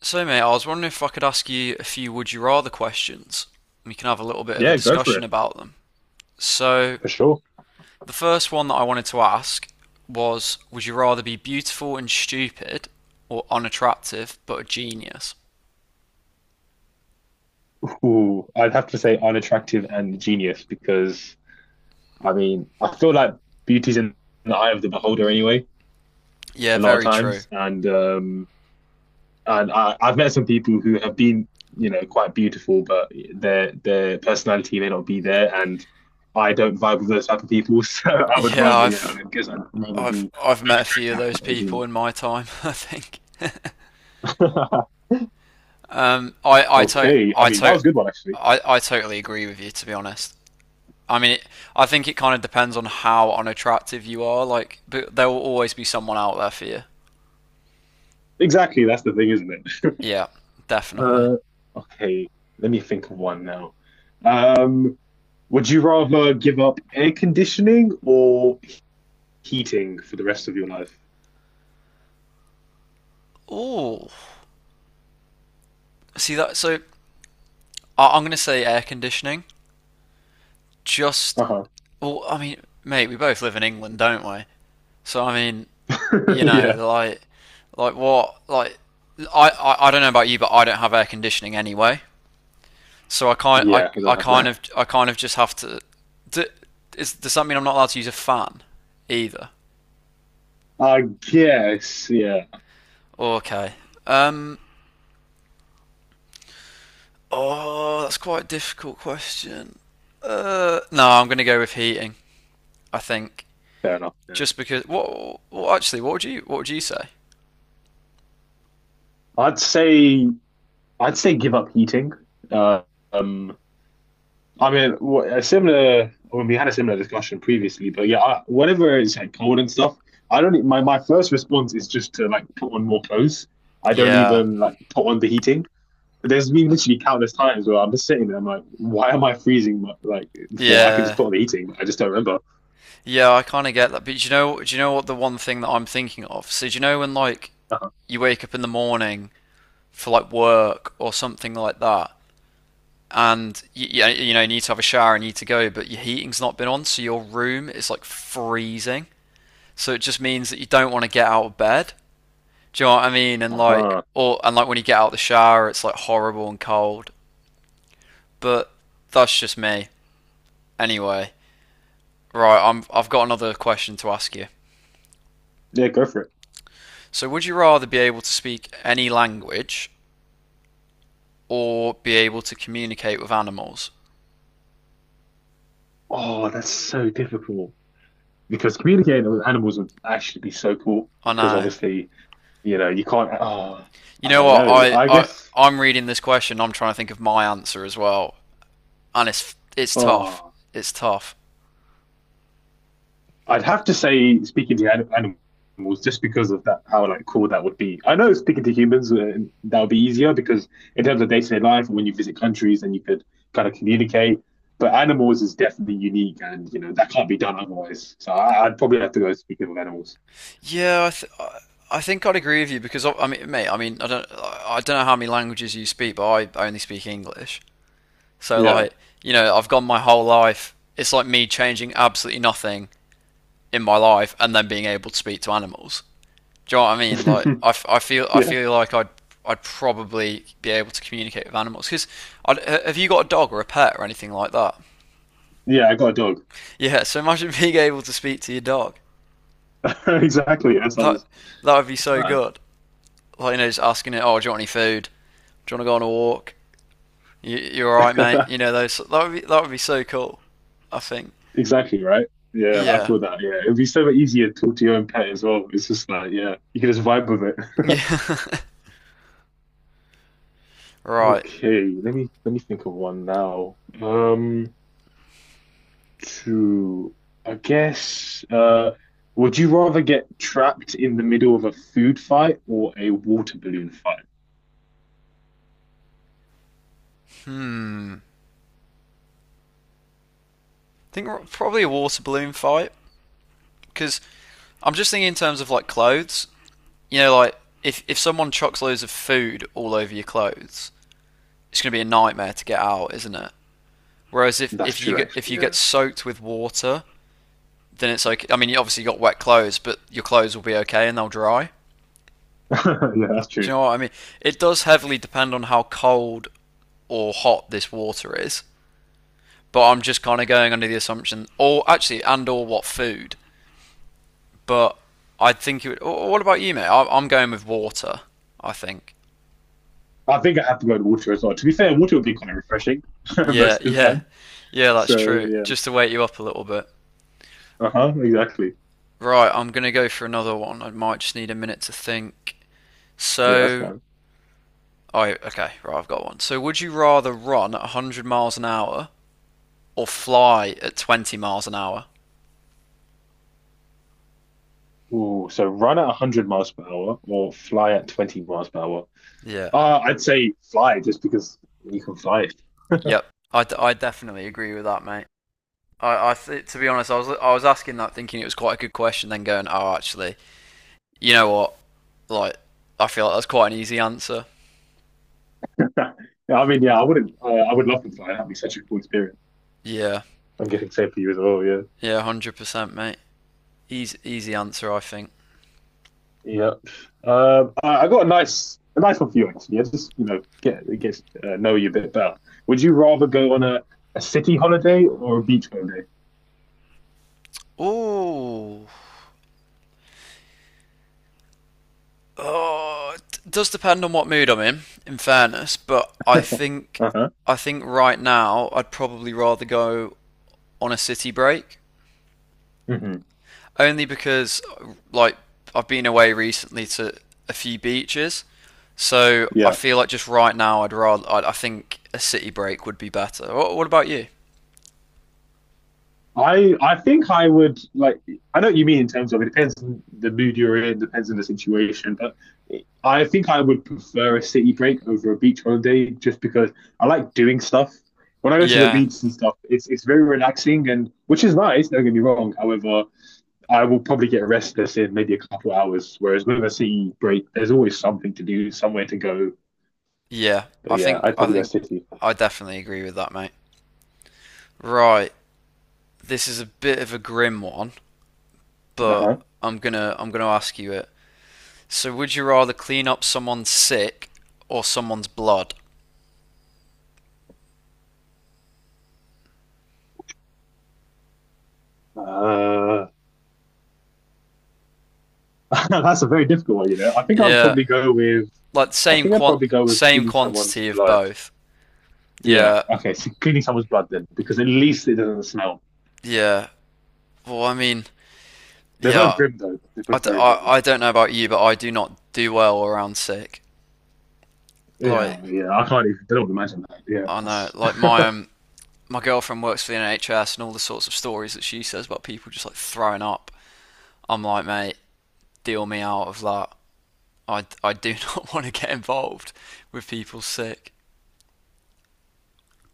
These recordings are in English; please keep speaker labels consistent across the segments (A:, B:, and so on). A: So, mate, I was wondering if I could ask you a few would you rather questions. We can have a little bit of a
B: Yeah, go for
A: discussion
B: it.
A: about them. So,
B: For sure.
A: the first one that I wanted to ask was, would you rather be beautiful and stupid or unattractive but a genius?
B: Ooh, I'd have to say unattractive and genius because I feel like beauty's in the eye of the beholder anyway
A: Yeah,
B: a lot of
A: very true.
B: times and I've met some people who have been quite beautiful but their personality may not be there and I don't vibe with those type of people so I would
A: Yeah,
B: rather yeah
A: I've
B: I guess I'd rather
A: I've
B: be
A: I've met a few of
B: unattractive
A: those
B: than a
A: people in my time, I think.
B: genius.
A: Um I I to
B: Okay,
A: I
B: that
A: to
B: was a good one actually.
A: I totally agree with you, to be honest. I mean, it, I think it kind of depends on how unattractive you are. Like, but there will always be someone out there for you.
B: Exactly, that's the thing, isn't it?
A: Yeah, definitely.
B: Uh, okay, let me think of one now. Um, would you rather give up air conditioning or heating for the rest of your life?
A: Ooh, see that? So I'm gonna say air conditioning. Just,
B: Uh-huh.
A: I mean, mate, we both live in England, don't we? So I mean, you know,
B: Yeah.
A: like what, like, I don't know about you, but I don't have air conditioning anyway. So
B: Yeah, I don't have that.
A: I kind of just have to. Do, does that mean I'm not allowed to use a fan either?
B: I guess, yeah,
A: Okay. Um. Oh, that's quite a difficult question. No, I'm going to go with heating, I think,
B: fair enough. Yeah.
A: just because. What? Well, actually, what would you, what would you say?
B: I'd say I'd say give up heating. Uh, um, I mean, wh- a similar. When we had a similar discussion previously, but yeah, I, whenever it's like cold and stuff, I don't. E- My first response is just to like put on more clothes. I don't
A: Yeah.
B: even like put on the heating. There's been literally countless times where I'm just sitting there. I'm like, why am I freezing? Like, before I can just
A: Yeah.
B: put on the heating, but I just don't remember.
A: Yeah. I kind of get that, but do you know? Do you know what the one thing that I'm thinking of? So do you know when like
B: Uh-huh.
A: you wake up in the morning for like work or something like that, and you know you need to have a shower and you need to go, but your heating's not been on, so your room is like freezing. So it just means that you don't want to get out of bed. Do you know what I mean? And like,
B: Uh-huh.
A: or and like when you get out of the shower, it's like horrible and cold. But that's just me. Anyway, right, I've got another question to ask you.
B: Yeah, go for it.
A: So, would you rather be able to speak any language or be able to communicate with animals?
B: Oh, that's so difficult because communicating with animals would actually be so cool
A: I
B: because
A: know.
B: obviously, you can't. Oh,
A: You
B: I
A: know
B: don't
A: what?
B: know. I guess.
A: I'm reading this question. I'm trying to think of my answer as well, and it's tough.
B: Oh.
A: It's tough.
B: I'd have to say speaking to animals just because of that, how like cool that would be. I know speaking to humans that would be easier because in terms of day to day life, when you visit countries and you could kind of communicate. But animals is definitely unique, and you know that can't be done otherwise. So I'd probably have to go speaking with animals.
A: Yeah, I think I'd agree with you because I mean, mate, I mean, I don't know how many languages you speak, but I only speak English. So
B: Yeah,
A: like, you know, I've gone my whole life. It's like me changing absolutely nothing in my life and then being able to speak to animals. Do you know what I mean? Like, I
B: yeah,
A: feel like I'd probably be able to communicate with animals. Because have you got a dog or a pet or anything like that?
B: yeah. I got a dog.
A: Yeah. So imagine being able to speak to your dog.
B: Exactly. That
A: That,
B: sounds
A: that would be so
B: no.
A: good. Like you know, just asking it, oh, do you want any food? Do you want to go on a walk? You all right, mate? You know, those that would be, that would be so cool, I think.
B: Exactly right. Yeah, I
A: Yeah.
B: feel that. Yeah, it'd be so much easier to talk to your own pet as well. It's just like, yeah, you can just vibe with it.
A: Yeah. Right. I
B: Okay, let me think of one now. To I guess would you rather get trapped in the middle of a food fight or a water balloon fight?
A: think probably a water balloon fight because I'm just thinking in terms of like clothes. You know, like if someone chucks loads of food all over your clothes, it's gonna be a nightmare to get out, isn't it? Whereas
B: That's
A: if you
B: true
A: get, if
B: actually,
A: you
B: yeah.
A: get soaked with water, then it's okay. I mean, you obviously got wet clothes, but your clothes will be okay and they'll dry.
B: Yeah, that's
A: Do
B: true.
A: you know what I mean? It does heavily depend on how cold or hot this water is. But I'm just kind of going under the assumption, or actually, and or what food. But I think it would. Or what about you, mate? I- I'm going with water, I think.
B: I think I have to go to water as well. To be fair, water would be kind of refreshing
A: Yeah,
B: most of the
A: yeah,
B: time.
A: yeah. That's
B: So
A: true.
B: yeah.
A: Just to wake you up a little bit.
B: Uh-huh, exactly.
A: Right, I'm gonna go for another one. I might just need a minute to think.
B: Yeah, that's
A: So,
B: fine.
A: oh, okay, right, I've got one. So, would you rather run at 100 miles an hour or fly at 20 miles an hour?
B: Ooh, so run at 100 miles per hour or fly at 20 miles per hour.
A: Yeah.
B: I'd say fly just because you can fly.
A: Yep, I definitely agree with that, mate. To be honest, I was asking that thinking it was quite a good question, then going, oh, actually, you know what? Like, I feel like that's quite an easy answer.
B: Yeah, I mean, yeah, I wouldn't. I would love to fly. That'd be such a cool experience.
A: Yeah,
B: I'm getting same for you as well. Yeah,
A: yeah, 100%, mate. Easy, easy answer, I think.
B: yeah. I got a nice one for you actually. Yeah, just you know, get know you a bit better. Would you rather go on a city holiday or a beach holiday?
A: Ooh, oh, it does depend on what mood I'm in fairness, but
B: Uh-huh.
A: I think right now I'd probably rather go on a city break.
B: Hmm.
A: Only because like I've been away recently to a few beaches, so I
B: Yeah.
A: feel like just right now I think a city break would be better. What about you?
B: I think I would like, I know what you mean in terms of it depends on the mood you're in, depends on the situation, but I think I would prefer a city break over a beach holiday just because I like doing stuff. When I go to the
A: Yeah,
B: beach and stuff, it's very relaxing and which is nice, don't get me wrong. However, I will probably get restless in maybe a couple hours, whereas with a city break, there's always something to do, somewhere to go.
A: yeah.
B: But yeah, I'd
A: I
B: probably go
A: think
B: city.
A: I definitely agree with that, mate. Right, this is a bit of a grim one, but
B: Uh-huh.
A: I'm gonna ask you it. So, would you rather clean up someone's sick or someone's blood?
B: Uh That's a very difficult one, you know.
A: Yeah, like
B: I
A: same
B: think I'd
A: quant
B: probably go with
A: same
B: cleaning someone's
A: quantity of
B: blood.
A: both.
B: Yeah.
A: Yeah,
B: Okay. So cleaning someone's blood then, because at least it doesn't smell.
A: yeah. Well, I mean,
B: They're both
A: yeah,
B: grim though. They're both very
A: I,
B: grim.
A: I don't know about you, but I do not do well around sick. Like,
B: Yeah. Yeah. I can't even. I don't imagine that.
A: I know, like
B: Yeah.
A: my girlfriend works for the NHS, and all the sorts of stories that she says about people just like throwing up. I'm like, mate, deal me out of that. I do not want to get involved with people sick.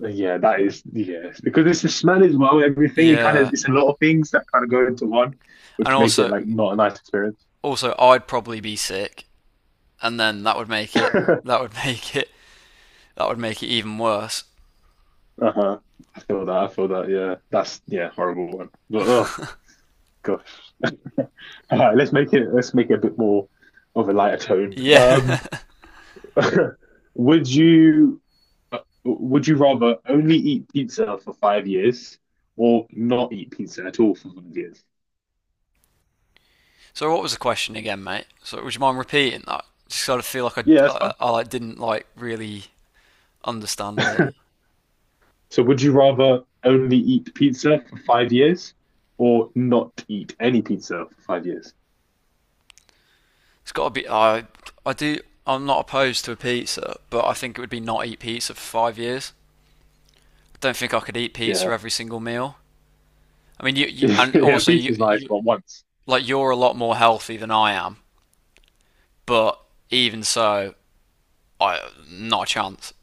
B: yeah. That is. Yeah. Because it's the smell as well. Everything. It kind of.
A: Yeah,
B: It's a lot of things that kind of go into one,
A: and
B: which make it
A: also,
B: like not a nice experience.
A: also I'd probably be sick, and then that would make it that would make it even worse.
B: Uh-huh. I feel that. I feel that. Yeah. That's yeah. Horrible one. But oh, all right, let's make it a bit more of a lighter tone.
A: Yeah.
B: Would you would you rather only eat pizza for 5 years or not eat pizza at all for 5 years?
A: So what was the question again, mate? So would you mind repeating that? Just sort of feel like
B: Yeah, that's fine.
A: I like, didn't like really understand it.
B: So would you rather only eat pizza for 5 years or not eat any pizza for 5 years?
A: It's got to be. I do. I'm not opposed to a pizza, but I think it would be not eat pizza for 5 years. I don't think I could eat pizza
B: Yeah.
A: every single meal. I mean, you and
B: Yeah,
A: also
B: pizza's nice,
A: you
B: but once.
A: like you're a lot more healthy than I am, but even so, I, not a chance.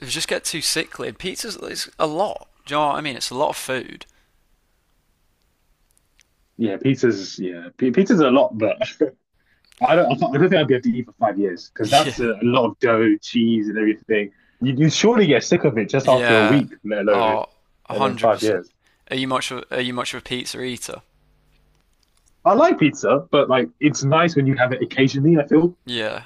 A: You just get too sickly. And pizza's, it's a lot. Do you know what I mean? It's a lot of food.
B: Yeah, pizza's a lot, but I don't think I'd be able to eat for 5 years because
A: Yeah,
B: that's a lot of dough, cheese, and everything. You surely get sick of it just after a
A: Yeah.
B: week, let alone
A: Oh, a
B: and then
A: hundred
B: five
A: percent.
B: years.
A: Are you much of, are you much of a pizza eater?
B: I like pizza, but like it's nice when you have it occasionally. I feel.
A: Yeah.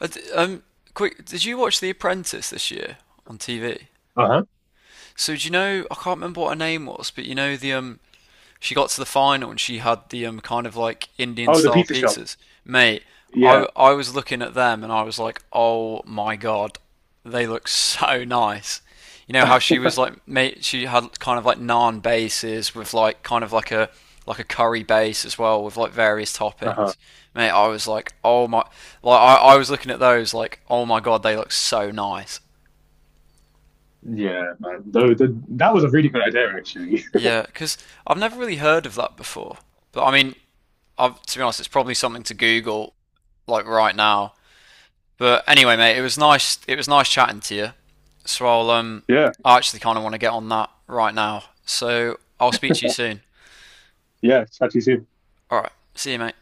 A: Uh, d- Um, Quick, did you watch The Apprentice this year on TV?
B: Uh huh.
A: So do you know, I can't remember what her name was, but you know the she got to the final and she had the kind of like Indian
B: Oh, the
A: style
B: pizza shop.
A: pizzas. Mate,
B: Yeah.
A: I was looking at them and I was like, oh my god, they look so nice. You know how she was like, mate, she had kind of like naan bases with like kind of like a curry base as well with like various
B: Uh huh.
A: toppings. Mate, I was like, oh my, like I was looking at those like, oh my god, they look so nice.
B: Yeah, man. Though the, that was a really good idea, actually.
A: Yeah, because I've never really heard of that before. But I mean, I've, to be honest, it's probably something to Google like right now. But anyway, mate, it was nice. It was nice chatting to you. So
B: Yeah.
A: I actually kind of want to get on that right now. So I'll speak to you soon.
B: Yeah. Chat to you soon.
A: All right, see you, mate.